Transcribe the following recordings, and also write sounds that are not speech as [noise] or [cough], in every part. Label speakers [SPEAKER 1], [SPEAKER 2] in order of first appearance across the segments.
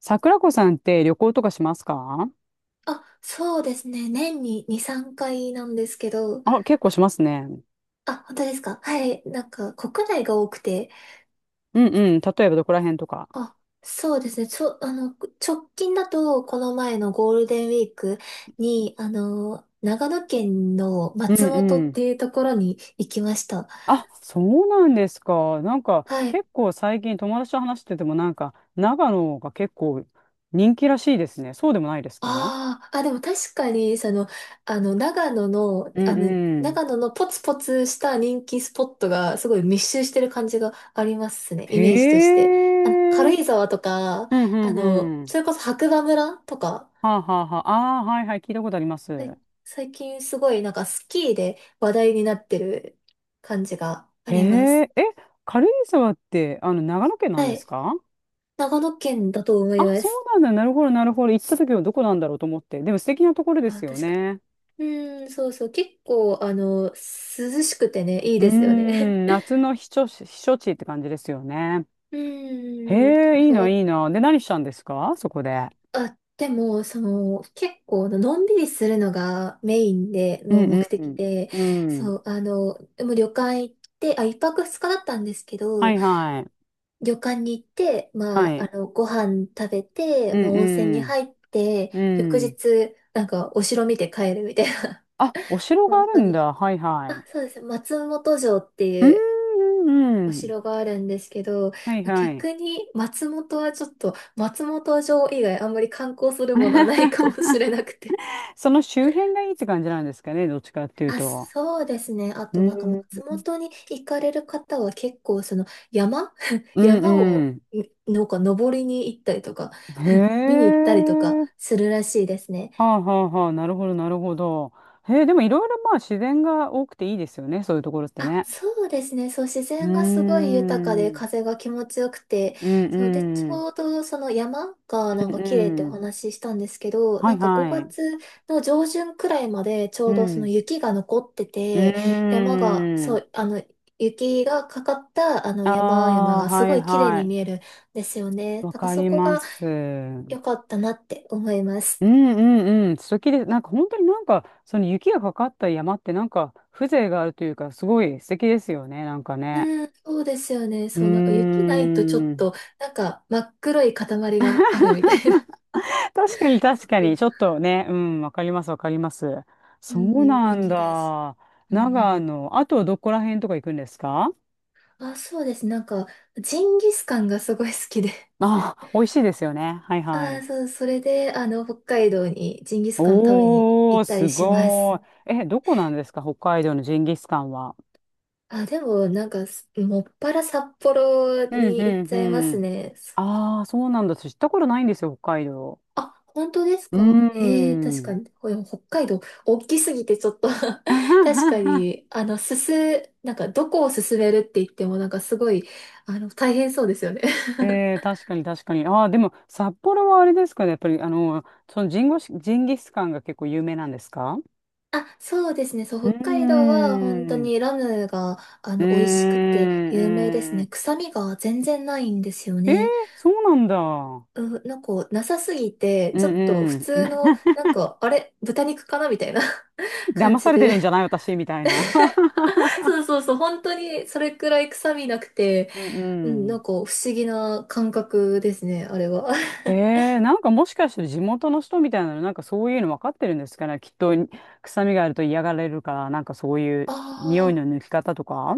[SPEAKER 1] 桜子さんって旅行とかしますか？
[SPEAKER 2] あ、そうですね。年に2、3回なんですけど、
[SPEAKER 1] あ、結構しますね。
[SPEAKER 2] あ、本当ですか？はい。なんか、国内が多くて、
[SPEAKER 1] うんうん。例えばどこら辺とか。
[SPEAKER 2] あ、そうですね。ちょ、あの、直近だと、この前のゴールデンウィークに、長野県の
[SPEAKER 1] うん
[SPEAKER 2] 松本
[SPEAKER 1] う
[SPEAKER 2] っ
[SPEAKER 1] ん。
[SPEAKER 2] ていうところに行きました。
[SPEAKER 1] あ、そうなんですか。なんか
[SPEAKER 2] はい。
[SPEAKER 1] 結構最近友達と話しててもなんか長野が結構人気らしいですね。そうでもないですか？
[SPEAKER 2] ああ、あ、でも確かに、長野の、
[SPEAKER 1] う
[SPEAKER 2] あ
[SPEAKER 1] ん
[SPEAKER 2] の、
[SPEAKER 1] うん。
[SPEAKER 2] 長野のポツポツした人気スポットがすごい密集してる感じがありますね、イ
[SPEAKER 1] へ
[SPEAKER 2] メージとして。
[SPEAKER 1] え。う
[SPEAKER 2] 軽
[SPEAKER 1] ん
[SPEAKER 2] 井沢とか、
[SPEAKER 1] うんうん。
[SPEAKER 2] それこそ白馬村とか。
[SPEAKER 1] はあはあはあ。ああ、はいはい。聞いたことあります。
[SPEAKER 2] はい。最近すごいなんかスキーで話題になってる感じがあ
[SPEAKER 1] へ
[SPEAKER 2] ります。
[SPEAKER 1] え。え、軽井沢って長野県なん
[SPEAKER 2] は
[SPEAKER 1] です
[SPEAKER 2] い。
[SPEAKER 1] か？
[SPEAKER 2] 長野県だと思
[SPEAKER 1] あ、
[SPEAKER 2] いま
[SPEAKER 1] そう
[SPEAKER 2] す。
[SPEAKER 1] なんだ。なるほど、なるほど。行った時はどこなんだろうと思って。でも素敵なところで
[SPEAKER 2] あ、
[SPEAKER 1] すよ
[SPEAKER 2] 確か
[SPEAKER 1] ね。
[SPEAKER 2] に。うーん、そうそう。結構、涼しくてね、いい
[SPEAKER 1] うー
[SPEAKER 2] ですよね。
[SPEAKER 1] ん、夏の避暑地、避暑地って感じですよね。
[SPEAKER 2] う
[SPEAKER 1] へ
[SPEAKER 2] ーん、
[SPEAKER 1] え、いい
[SPEAKER 2] そ
[SPEAKER 1] な、
[SPEAKER 2] う、
[SPEAKER 1] いいな。で、何したんですかそこで。
[SPEAKER 2] あ、でも、その、結構、のんびりするのがメインで、
[SPEAKER 1] う
[SPEAKER 2] の
[SPEAKER 1] んう
[SPEAKER 2] 目
[SPEAKER 1] ん
[SPEAKER 2] 的で、
[SPEAKER 1] うん。うん。
[SPEAKER 2] そう、でも旅館行って、あ、一泊二日だったんですけ
[SPEAKER 1] は
[SPEAKER 2] ど、
[SPEAKER 1] いはい。
[SPEAKER 2] 旅館に行って、ま
[SPEAKER 1] は
[SPEAKER 2] あ、
[SPEAKER 1] い。
[SPEAKER 2] ご飯食べて、
[SPEAKER 1] う
[SPEAKER 2] まあ、温泉に
[SPEAKER 1] ん
[SPEAKER 2] 入って、
[SPEAKER 1] うん。
[SPEAKER 2] 翌
[SPEAKER 1] うん。
[SPEAKER 2] 日、なんか、お城見て帰るみたいな。
[SPEAKER 1] あ、お
[SPEAKER 2] [laughs]
[SPEAKER 1] 城があ
[SPEAKER 2] 本
[SPEAKER 1] る
[SPEAKER 2] 当
[SPEAKER 1] ん
[SPEAKER 2] に。
[SPEAKER 1] だ。はいは
[SPEAKER 2] あ、
[SPEAKER 1] い。
[SPEAKER 2] そうです。松本城って
[SPEAKER 1] う
[SPEAKER 2] い
[SPEAKER 1] ん
[SPEAKER 2] う
[SPEAKER 1] う
[SPEAKER 2] お
[SPEAKER 1] んうん。
[SPEAKER 2] 城があるんですけど、
[SPEAKER 1] はいはい。
[SPEAKER 2] 逆に松本はちょっと、松本城以外あんまり観光するものはないかもし
[SPEAKER 1] [laughs]
[SPEAKER 2] れなくて。
[SPEAKER 1] その周辺がいいって感じなんですかね。どっちかっていう
[SPEAKER 2] あ、
[SPEAKER 1] と。
[SPEAKER 2] そうですね。あ
[SPEAKER 1] う
[SPEAKER 2] となんか
[SPEAKER 1] ん。
[SPEAKER 2] 松本に行かれる方は結構その山 [laughs]
[SPEAKER 1] う
[SPEAKER 2] 山
[SPEAKER 1] ん
[SPEAKER 2] を
[SPEAKER 1] う
[SPEAKER 2] なんか登りに行ったりとか、
[SPEAKER 1] ん。
[SPEAKER 2] 見に
[SPEAKER 1] へ
[SPEAKER 2] 行ったりとか
[SPEAKER 1] え。
[SPEAKER 2] するらしいですね。
[SPEAKER 1] はあはあはあ、なるほど、なるほど。へえ、でもいろいろまあ自然が多くていいですよね、そういうところって
[SPEAKER 2] あ、
[SPEAKER 1] ね。
[SPEAKER 2] そうですね。そう、自
[SPEAKER 1] うー
[SPEAKER 2] 然がすごい豊かで
[SPEAKER 1] ん、
[SPEAKER 2] 風が気持ちよくて、
[SPEAKER 1] うん
[SPEAKER 2] そうで、ち
[SPEAKER 1] うん、
[SPEAKER 2] ょうどその山がなん
[SPEAKER 1] う
[SPEAKER 2] か
[SPEAKER 1] ん
[SPEAKER 2] 綺麗って
[SPEAKER 1] う
[SPEAKER 2] お
[SPEAKER 1] ん。
[SPEAKER 2] 話ししたんですけど、
[SPEAKER 1] は
[SPEAKER 2] な
[SPEAKER 1] い
[SPEAKER 2] んか
[SPEAKER 1] は
[SPEAKER 2] 5
[SPEAKER 1] い。
[SPEAKER 2] 月の上旬くらいまでちょ
[SPEAKER 1] う
[SPEAKER 2] うどその
[SPEAKER 1] ん、
[SPEAKER 2] 雪が残って
[SPEAKER 1] う
[SPEAKER 2] て、山が、
[SPEAKER 1] ー
[SPEAKER 2] そ
[SPEAKER 1] ん。
[SPEAKER 2] う、雪がかかったあの
[SPEAKER 1] あ
[SPEAKER 2] 山々
[SPEAKER 1] あ、
[SPEAKER 2] がす
[SPEAKER 1] は
[SPEAKER 2] ご
[SPEAKER 1] い
[SPEAKER 2] い綺麗
[SPEAKER 1] は
[SPEAKER 2] に
[SPEAKER 1] い。
[SPEAKER 2] 見えるんですよね。
[SPEAKER 1] わ
[SPEAKER 2] だから
[SPEAKER 1] か
[SPEAKER 2] そ
[SPEAKER 1] り
[SPEAKER 2] こ
[SPEAKER 1] ま
[SPEAKER 2] が
[SPEAKER 1] す。うん
[SPEAKER 2] 良かったなって思います。
[SPEAKER 1] うんうん。素敵です。なんか本当になんか、その雪がかかった山ってなんか風情があるというか、すごい素敵ですよね、なんかね。
[SPEAKER 2] うん、そうですよね。
[SPEAKER 1] う
[SPEAKER 2] そう、なんか雪
[SPEAKER 1] ー
[SPEAKER 2] ないとちょっと、
[SPEAKER 1] ん。
[SPEAKER 2] なんか真っ黒い塊があるみたいな。
[SPEAKER 1] 確かに確か
[SPEAKER 2] そ
[SPEAKER 1] に、
[SPEAKER 2] う。
[SPEAKER 1] ちょっとね、うん、わかりますわかります。
[SPEAKER 2] う
[SPEAKER 1] そ
[SPEAKER 2] ん
[SPEAKER 1] う
[SPEAKER 2] うん、
[SPEAKER 1] なん
[SPEAKER 2] 雪大事。
[SPEAKER 1] だ。
[SPEAKER 2] うんうん。
[SPEAKER 1] 長野、あとどこら辺とか行くんですか？
[SPEAKER 2] あ、そうです。なんか、ジンギスカンがすごい好きで。
[SPEAKER 1] あ、美味しいですよね。はいは
[SPEAKER 2] ああ、
[SPEAKER 1] い。
[SPEAKER 2] そう、それで、北海道にジンギスカン食べに
[SPEAKER 1] お
[SPEAKER 2] 行
[SPEAKER 1] ー、
[SPEAKER 2] ったり
[SPEAKER 1] す
[SPEAKER 2] します。
[SPEAKER 1] ごい。え、どこなんですか北海道のジンギスカンは。
[SPEAKER 2] あ、でも、なんか、もっぱら札幌
[SPEAKER 1] うん
[SPEAKER 2] に行っ
[SPEAKER 1] う
[SPEAKER 2] ち
[SPEAKER 1] ん
[SPEAKER 2] ゃいま
[SPEAKER 1] う
[SPEAKER 2] す
[SPEAKER 1] ん。
[SPEAKER 2] ね。
[SPEAKER 1] ああ、そうなんだ。私知ったことないんですよ、北海道。
[SPEAKER 2] あ、本当です
[SPEAKER 1] うー
[SPEAKER 2] か？へえ、確か
[SPEAKER 1] ん。
[SPEAKER 2] に。北海道、大きすぎてちょっと [laughs] 確か
[SPEAKER 1] [laughs]
[SPEAKER 2] に、あの、すす、なんか、どこを進めるって言っても、なんか、すごい、大変そうですよね。 [laughs]
[SPEAKER 1] えー、確かに確かに。ああ、でも札幌はあれですかね。やっぱり、そのジンギスカンが結構有名なんですか？
[SPEAKER 2] あ、そうですね。そ
[SPEAKER 1] うー
[SPEAKER 2] う、北海道は本当
[SPEAKER 1] ん。う
[SPEAKER 2] にラムが、
[SPEAKER 1] ー
[SPEAKER 2] 美味しくて
[SPEAKER 1] ん。う
[SPEAKER 2] 有名です
[SPEAKER 1] ー
[SPEAKER 2] ね。
[SPEAKER 1] ん、
[SPEAKER 2] 臭みが全然ないんですよ
[SPEAKER 1] えー、
[SPEAKER 2] ね。
[SPEAKER 1] そうなんだ。
[SPEAKER 2] うん、なんか、なさすぎて、
[SPEAKER 1] う
[SPEAKER 2] ちょっと普
[SPEAKER 1] んう
[SPEAKER 2] 通
[SPEAKER 1] ん。
[SPEAKER 2] の、なんか、あれ、豚肉かなみたいな [laughs] 感
[SPEAKER 1] 騙
[SPEAKER 2] じ
[SPEAKER 1] されて
[SPEAKER 2] で。
[SPEAKER 1] るんじゃない私みたいな。[laughs]
[SPEAKER 2] [laughs] そうそうそう、本当にそれくらい臭みなくて、
[SPEAKER 1] うん
[SPEAKER 2] うん、
[SPEAKER 1] う
[SPEAKER 2] なん
[SPEAKER 1] ん。
[SPEAKER 2] か不思議な感覚ですね、あれは。
[SPEAKER 1] へえ、なんかもしかして地元の人みたいなの、なんかそういうの分かってるんですかね。きっと臭みがあると嫌がられるから、なんかそうい
[SPEAKER 2] [laughs]
[SPEAKER 1] う匂い
[SPEAKER 2] ああ、
[SPEAKER 1] の抜き方とか。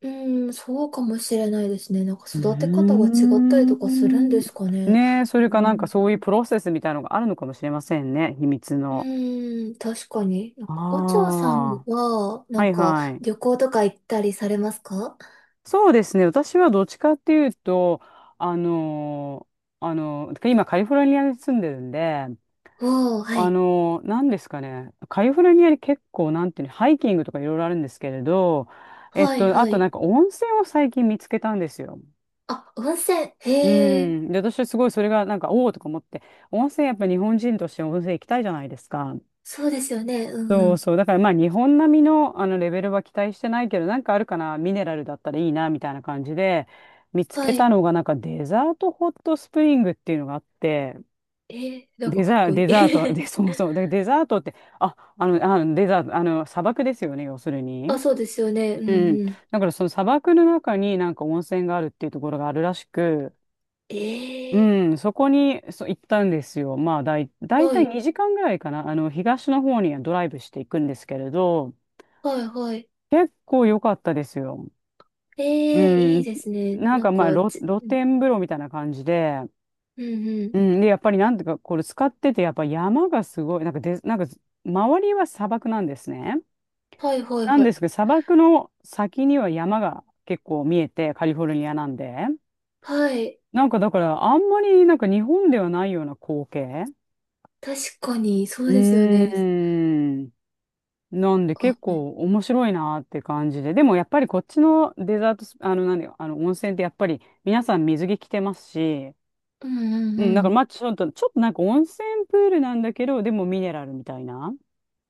[SPEAKER 2] うん、そうかもしれないですね。なんか
[SPEAKER 1] うー
[SPEAKER 2] 育て方が違ったりとかするんで
[SPEAKER 1] ん。
[SPEAKER 2] すかね。
[SPEAKER 1] ねえ、それ
[SPEAKER 2] う
[SPEAKER 1] かなんか
[SPEAKER 2] ん。
[SPEAKER 1] そういうプロセスみたいなのがあるのかもしれませんね。秘密
[SPEAKER 2] う
[SPEAKER 1] の。
[SPEAKER 2] ーん、確かに。なんか、お嬢
[SPEAKER 1] あ
[SPEAKER 2] さん
[SPEAKER 1] あ。
[SPEAKER 2] は、な
[SPEAKER 1] は
[SPEAKER 2] ん
[SPEAKER 1] い
[SPEAKER 2] か、
[SPEAKER 1] はい。
[SPEAKER 2] 旅行とか行ったりされますか？
[SPEAKER 1] そうですね。私はどっちかっていうと、あの今カリフォルニアに住んでるんで、
[SPEAKER 2] おー、はい。
[SPEAKER 1] なんですかね、カリフォルニアに結構、なんていうの、ハイキングとかいろいろあるんですけれど、えっ
[SPEAKER 2] はい、
[SPEAKER 1] と、あ
[SPEAKER 2] は
[SPEAKER 1] とな
[SPEAKER 2] い。
[SPEAKER 1] んか温泉を最近見つけたんですよ。
[SPEAKER 2] あ、温泉。
[SPEAKER 1] う
[SPEAKER 2] へえ、
[SPEAKER 1] ん。で、私はすごいそれがなんか、おおとか思って、温泉やっぱ日本人として温泉行きたいじゃないですか。
[SPEAKER 2] そうですよね。うんう
[SPEAKER 1] そう
[SPEAKER 2] ん。
[SPEAKER 1] そう。だからまあ日本並みの、あのレベルは期待してないけど、なんかあるかな、ミネラルだったらいいな、みたいな感じで、見つ
[SPEAKER 2] は
[SPEAKER 1] けた
[SPEAKER 2] い。
[SPEAKER 1] のがなんかデザートホットスプリングっていうのがあって、
[SPEAKER 2] なんかかっこい
[SPEAKER 1] デザート、
[SPEAKER 2] い。
[SPEAKER 1] で、そうそう。で、デザートって、デザート、砂漠ですよね、要する
[SPEAKER 2] [laughs]
[SPEAKER 1] に。
[SPEAKER 2] あ、そうですよね。う
[SPEAKER 1] う
[SPEAKER 2] ん
[SPEAKER 1] ん。
[SPEAKER 2] うん。
[SPEAKER 1] だからその砂漠の中になんか温泉があるっていうところがあるらしく、
[SPEAKER 2] え
[SPEAKER 1] う
[SPEAKER 2] え、
[SPEAKER 1] ん、そこにそう行ったんですよ。まあ、だい
[SPEAKER 2] は
[SPEAKER 1] たい
[SPEAKER 2] い。
[SPEAKER 1] 2時間ぐらいかな。東の方にはドライブしていくんですけれど、
[SPEAKER 2] はい、はい。
[SPEAKER 1] 結構良かったですよ。
[SPEAKER 2] え
[SPEAKER 1] う
[SPEAKER 2] え、いい
[SPEAKER 1] ん。
[SPEAKER 2] ですね。
[SPEAKER 1] なん
[SPEAKER 2] なん
[SPEAKER 1] かまあ、
[SPEAKER 2] か、
[SPEAKER 1] 露天風呂みたいな感じで、
[SPEAKER 2] うんうん。
[SPEAKER 1] うん。で、やっぱりなんていうか、これ使ってて、やっぱ山がすごい、なんかで、なんか、周りは砂漠なんですね。
[SPEAKER 2] はい、はい、
[SPEAKER 1] なん
[SPEAKER 2] は
[SPEAKER 1] で
[SPEAKER 2] い。
[SPEAKER 1] すけど、砂漠の先には山が結構見えて、カリフォルニアなんで。
[SPEAKER 2] はい。
[SPEAKER 1] なんかだから、あんまりなんか日本ではないような光景。
[SPEAKER 2] 確かに、そ
[SPEAKER 1] う
[SPEAKER 2] う
[SPEAKER 1] ー
[SPEAKER 2] ですよね。
[SPEAKER 1] ん。なんで結
[SPEAKER 2] あ、うん
[SPEAKER 1] 構面白いなーって感じで。でもやっぱりこっちのデザートス、あの、なんだよ、あの、温泉ってやっぱり皆さん水着着てますし、
[SPEAKER 2] うん
[SPEAKER 1] うん、
[SPEAKER 2] う
[SPEAKER 1] だから
[SPEAKER 2] ん。
[SPEAKER 1] まあちょっと、ちょっとなんか温泉プールなんだけど、でもミネラルみたいな。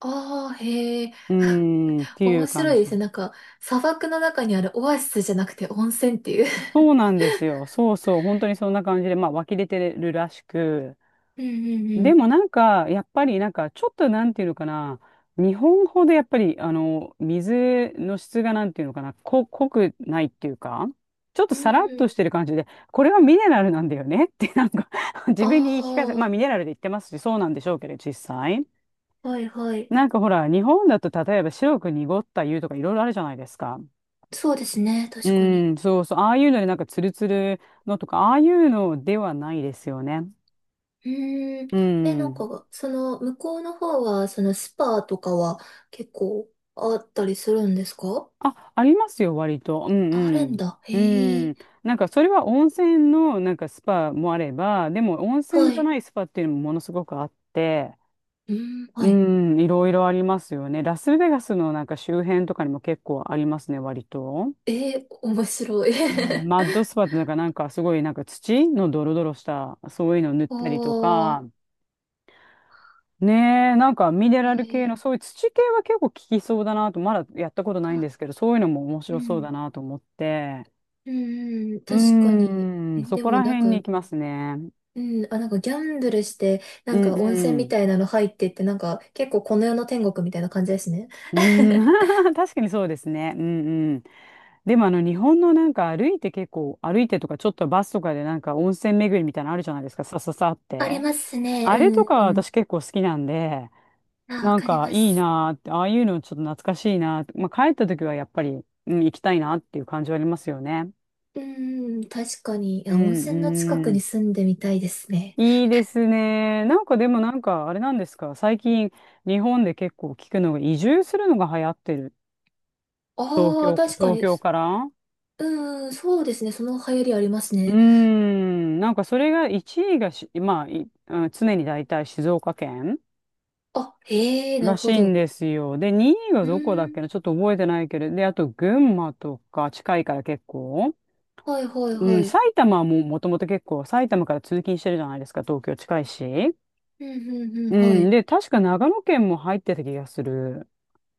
[SPEAKER 2] ああ、へえ。
[SPEAKER 1] う
[SPEAKER 2] [laughs]
[SPEAKER 1] ーん、っていう
[SPEAKER 2] 面
[SPEAKER 1] 感
[SPEAKER 2] 白い
[SPEAKER 1] じ。
[SPEAKER 2] ですね。なんか、砂漠の中にあるオアシスじゃなくて温泉っていう。
[SPEAKER 1] そうなんですよ。そうそう、本当にそんな感じで、まあ湧き出てるらしく。
[SPEAKER 2] [laughs] うんうんう
[SPEAKER 1] で
[SPEAKER 2] ん。
[SPEAKER 1] もなんか、やっぱりなんか、ちょっとなんていうのかな、日本ほどやっぱり、水の質がなんていうのかな、濃くないっていうか、ちょっと
[SPEAKER 2] うん
[SPEAKER 1] さらっ
[SPEAKER 2] う
[SPEAKER 1] として
[SPEAKER 2] ん。
[SPEAKER 1] る感じで、これはミネラルなんだよねって、なんか [laughs] 自
[SPEAKER 2] あ
[SPEAKER 1] 分に言い聞かせ、まあミネラルで言ってますし、そうなんでしょうけど、実際。
[SPEAKER 2] あ、はいはい。
[SPEAKER 1] なんかほら、日本だと例えば白く濁った湯とかいろいろあるじゃないですか。
[SPEAKER 2] そうですね、
[SPEAKER 1] う
[SPEAKER 2] 確かに。
[SPEAKER 1] ん、そうそう、ああいうのでなんかツルツルのとか、ああいうのではないですよね。
[SPEAKER 2] うーん。
[SPEAKER 1] う
[SPEAKER 2] ね、なん
[SPEAKER 1] ん。
[SPEAKER 2] か、その、向こうの方は、そのスパとかは結構あったりするんですか？
[SPEAKER 1] あ、ありますよ、割と。う
[SPEAKER 2] あるん
[SPEAKER 1] ん
[SPEAKER 2] だ。へ
[SPEAKER 1] うん。う
[SPEAKER 2] え。
[SPEAKER 1] ん。なんか、それは温泉の、なんか、スパもあれば、でも、温泉
[SPEAKER 2] は
[SPEAKER 1] じゃ
[SPEAKER 2] い。
[SPEAKER 1] ないスパっていうのもものすごくあって、
[SPEAKER 2] うーん、
[SPEAKER 1] う
[SPEAKER 2] はい。
[SPEAKER 1] ん、いろいろありますよね。ラスベガスのなんか周辺とかにも結構ありますね、割と。
[SPEAKER 2] ええ、面白い。
[SPEAKER 1] うん、マッド
[SPEAKER 2] [laughs]
[SPEAKER 1] スパってなんか、なんかすごいなんか土のドロドロした、そういうの塗っ
[SPEAKER 2] あ
[SPEAKER 1] たりとか、
[SPEAKER 2] あ、
[SPEAKER 1] ねえ、なんかミネ
[SPEAKER 2] え
[SPEAKER 1] ラル系
[SPEAKER 2] え、
[SPEAKER 1] の、そういう土系は結構効きそうだなと、まだやったことないん
[SPEAKER 2] あ、
[SPEAKER 1] ですけど、そういうのも面
[SPEAKER 2] う
[SPEAKER 1] 白そう
[SPEAKER 2] ん。
[SPEAKER 1] だなと思って。
[SPEAKER 2] うんうん、
[SPEAKER 1] うー
[SPEAKER 2] 確かに。え、
[SPEAKER 1] ん、そ
[SPEAKER 2] で
[SPEAKER 1] こ
[SPEAKER 2] も
[SPEAKER 1] ら
[SPEAKER 2] なん
[SPEAKER 1] 辺
[SPEAKER 2] か、
[SPEAKER 1] に行きますね。
[SPEAKER 2] うん、あ、なんかギャンブルして、な
[SPEAKER 1] う
[SPEAKER 2] んか
[SPEAKER 1] んう
[SPEAKER 2] 温泉み
[SPEAKER 1] ん。
[SPEAKER 2] たいなの入ってって、なんか結構この世の天国みたいな感じですね。
[SPEAKER 1] うん、
[SPEAKER 2] [laughs]
[SPEAKER 1] [laughs] 確かにそうですね。うんうん。でもあの日本のなんか歩いて結構歩いてとかちょっとバスとかでなんか温泉巡りみたいなのあるじゃないですか、さささっ
[SPEAKER 2] あり
[SPEAKER 1] て。
[SPEAKER 2] ますね。
[SPEAKER 1] あ
[SPEAKER 2] う
[SPEAKER 1] れとか
[SPEAKER 2] んうん。
[SPEAKER 1] 私結構好きなんで、
[SPEAKER 2] あ、わ
[SPEAKER 1] なん
[SPEAKER 2] かり
[SPEAKER 1] か
[SPEAKER 2] ま
[SPEAKER 1] いい
[SPEAKER 2] す。
[SPEAKER 1] なーって、ああいうのちょっと懐かしいなーって、まあ、帰った時はやっぱり、うん、行きたいなっていう感じはありますよね。
[SPEAKER 2] うんうん、確かに。い
[SPEAKER 1] う
[SPEAKER 2] や、温
[SPEAKER 1] ん
[SPEAKER 2] 泉の近く
[SPEAKER 1] う
[SPEAKER 2] に
[SPEAKER 1] ん。
[SPEAKER 2] 住んでみたいですね。
[SPEAKER 1] いいですね。なんかでもなんかあれなんですか。最近日本で結構聞くのが移住するのが流行ってる。東
[SPEAKER 2] ああ、
[SPEAKER 1] 京か、
[SPEAKER 2] 確か
[SPEAKER 1] 東
[SPEAKER 2] に。
[SPEAKER 1] 京から。
[SPEAKER 2] うん、そうですね。その流行りあります
[SPEAKER 1] うー
[SPEAKER 2] ね。
[SPEAKER 1] ん。なんかそれが1位がまあ、いうん常に大体静岡県
[SPEAKER 2] あ、へえ、な
[SPEAKER 1] ら
[SPEAKER 2] る
[SPEAKER 1] し
[SPEAKER 2] ほ
[SPEAKER 1] いん
[SPEAKER 2] ど。
[SPEAKER 1] ですよ。で、2位が
[SPEAKER 2] う
[SPEAKER 1] どこだっ
[SPEAKER 2] ん、
[SPEAKER 1] けな。ちょっと覚えてないけど。で、あと群馬とか近いから結構。
[SPEAKER 2] はいはい
[SPEAKER 1] う
[SPEAKER 2] は
[SPEAKER 1] ん。埼
[SPEAKER 2] い。
[SPEAKER 1] 玉はもうもともと結構埼玉から通勤してるじゃないですか。東京近いし。
[SPEAKER 2] うんうんうん、
[SPEAKER 1] う
[SPEAKER 2] は
[SPEAKER 1] ん。
[SPEAKER 2] い。
[SPEAKER 1] で、確か長野県も入ってた気がする。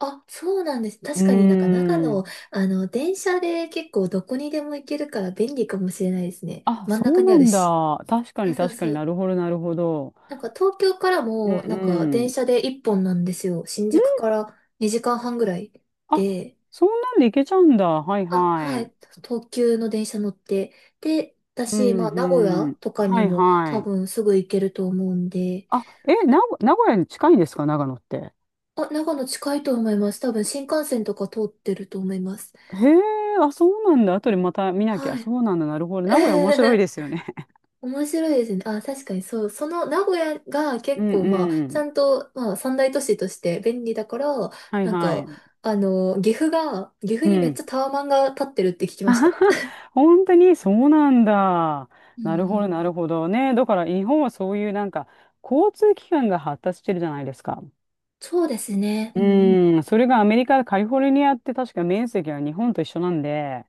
[SPEAKER 2] あ、そうなんです。
[SPEAKER 1] う
[SPEAKER 2] 確かになんか長
[SPEAKER 1] ー
[SPEAKER 2] 野、
[SPEAKER 1] ん。
[SPEAKER 2] 電車で結構どこにでも行けるから便利かもしれないですね。
[SPEAKER 1] あ、
[SPEAKER 2] 真ん
[SPEAKER 1] そ
[SPEAKER 2] 中
[SPEAKER 1] う
[SPEAKER 2] に
[SPEAKER 1] な
[SPEAKER 2] ある
[SPEAKER 1] ん
[SPEAKER 2] し。
[SPEAKER 1] だ。確か
[SPEAKER 2] あ、
[SPEAKER 1] に
[SPEAKER 2] そう
[SPEAKER 1] 確か
[SPEAKER 2] そ
[SPEAKER 1] にな
[SPEAKER 2] う。
[SPEAKER 1] るほど、なるほど。
[SPEAKER 2] なんか東京から
[SPEAKER 1] う
[SPEAKER 2] も、
[SPEAKER 1] んう
[SPEAKER 2] なんか電
[SPEAKER 1] ん。
[SPEAKER 2] 車で一本なんですよ。新
[SPEAKER 1] う
[SPEAKER 2] 宿
[SPEAKER 1] ん、
[SPEAKER 2] から2時間半ぐらい
[SPEAKER 1] あ、
[SPEAKER 2] で。
[SPEAKER 1] そんなんでいけちゃうんだ。はい
[SPEAKER 2] あ、は
[SPEAKER 1] はい。
[SPEAKER 2] い。東急の電車乗って。で、
[SPEAKER 1] う
[SPEAKER 2] 私、
[SPEAKER 1] ん
[SPEAKER 2] まあ、名古
[SPEAKER 1] うん。
[SPEAKER 2] 屋とかに
[SPEAKER 1] はい
[SPEAKER 2] も
[SPEAKER 1] は
[SPEAKER 2] 多
[SPEAKER 1] い。
[SPEAKER 2] 分すぐ行けると思うんで。
[SPEAKER 1] あ、え、名古屋に近いんですか、長野って。
[SPEAKER 2] あ、長野近いと思います。多分新幹線とか通ってると思います。
[SPEAKER 1] へえ、あ、そうなんだ。後でまた見なきゃ。
[SPEAKER 2] はい。
[SPEAKER 1] そうなんだ。なるほど。名古屋面白いで
[SPEAKER 2] [laughs]
[SPEAKER 1] すよね。
[SPEAKER 2] 面白いですね。あ、確かにそう。その名古屋が
[SPEAKER 1] [laughs] う
[SPEAKER 2] 結
[SPEAKER 1] ん
[SPEAKER 2] 構まあ、
[SPEAKER 1] う
[SPEAKER 2] ちゃ
[SPEAKER 1] ん。
[SPEAKER 2] んとまあ、三大都市として便利だから、
[SPEAKER 1] はい
[SPEAKER 2] なん
[SPEAKER 1] は
[SPEAKER 2] か、
[SPEAKER 1] い。
[SPEAKER 2] 岐阜
[SPEAKER 1] う
[SPEAKER 2] にめっち
[SPEAKER 1] ん。
[SPEAKER 2] ゃタワマンが立ってるって聞きました。[laughs]
[SPEAKER 1] 本当にそうなんだ。
[SPEAKER 2] う
[SPEAKER 1] なるほど、
[SPEAKER 2] ん、
[SPEAKER 1] なるほどね。だから日本はそういうなんか交通機関が発達してるじゃないですか。
[SPEAKER 2] そうですね。
[SPEAKER 1] う
[SPEAKER 2] うんうん。
[SPEAKER 1] ーん、それがアメリカ、カリフォルニアって確か面積は日本と一緒なんで、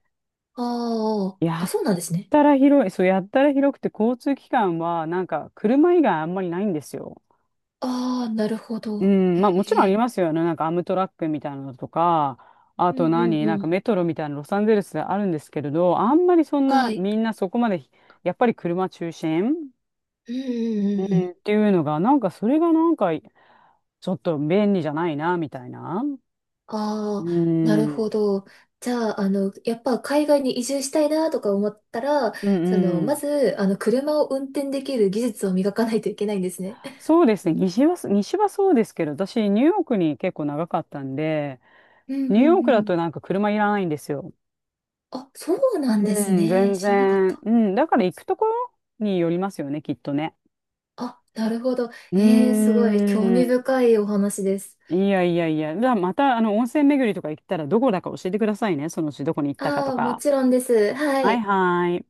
[SPEAKER 2] あ
[SPEAKER 1] や
[SPEAKER 2] あ、あ、
[SPEAKER 1] っ
[SPEAKER 2] そうなんですね。
[SPEAKER 1] たら広い、そうやったら広くて交通機関はなんか車以外あんまりないんですよ。
[SPEAKER 2] ああ、なるほ
[SPEAKER 1] う
[SPEAKER 2] ど。
[SPEAKER 1] ん、まあもちろん
[SPEAKER 2] え
[SPEAKER 1] あり
[SPEAKER 2] え。
[SPEAKER 1] ますよね。なんかアムトラックみたいなのとか、あ
[SPEAKER 2] う
[SPEAKER 1] と
[SPEAKER 2] んう
[SPEAKER 1] 何、
[SPEAKER 2] ん
[SPEAKER 1] な
[SPEAKER 2] う
[SPEAKER 1] んか
[SPEAKER 2] ん。
[SPEAKER 1] メトロみたいなロサンゼルスであるんですけれど、あんまりそんな
[SPEAKER 2] はい。
[SPEAKER 1] みんなそこまでやっぱり車中心、
[SPEAKER 2] うんうん
[SPEAKER 1] う
[SPEAKER 2] うんう
[SPEAKER 1] ん、っ
[SPEAKER 2] ん。
[SPEAKER 1] ていうのが、なんかそれがなんか、ちょっと便利じゃないな、みたいな。
[SPEAKER 2] あ
[SPEAKER 1] う
[SPEAKER 2] あ、なる
[SPEAKER 1] ん。
[SPEAKER 2] ほど。じゃあ、やっぱ海外に移住したいなとか思ったら、
[SPEAKER 1] うんう
[SPEAKER 2] ま
[SPEAKER 1] ん。
[SPEAKER 2] ず、車を運転できる技術を磨かないといけないんですね。
[SPEAKER 1] そうですね。西は、西はそうですけど、私、ニューヨークに結構長かったんで、
[SPEAKER 2] うんう
[SPEAKER 1] ニ
[SPEAKER 2] ん
[SPEAKER 1] ューヨーク
[SPEAKER 2] う
[SPEAKER 1] だ
[SPEAKER 2] ん。
[SPEAKER 1] となんか車いらないんですよ。
[SPEAKER 2] あ、そうなんです
[SPEAKER 1] うん、
[SPEAKER 2] ね。
[SPEAKER 1] 全
[SPEAKER 2] 知らなかっ
[SPEAKER 1] 然。
[SPEAKER 2] た。
[SPEAKER 1] うん、だから行くところによりますよね、きっとね。
[SPEAKER 2] あ、なるほど。
[SPEAKER 1] う
[SPEAKER 2] すごい興
[SPEAKER 1] ー
[SPEAKER 2] 味
[SPEAKER 1] ん。
[SPEAKER 2] 深いお話です。
[SPEAKER 1] いやいやいや。じゃあ、また、あの、温泉巡りとか行ったら、どこだか教えてくださいね。そのうちどこに行ったか
[SPEAKER 2] あ
[SPEAKER 1] と
[SPEAKER 2] あ、も
[SPEAKER 1] か。
[SPEAKER 2] ちろんです。は
[SPEAKER 1] はい
[SPEAKER 2] い。
[SPEAKER 1] はい。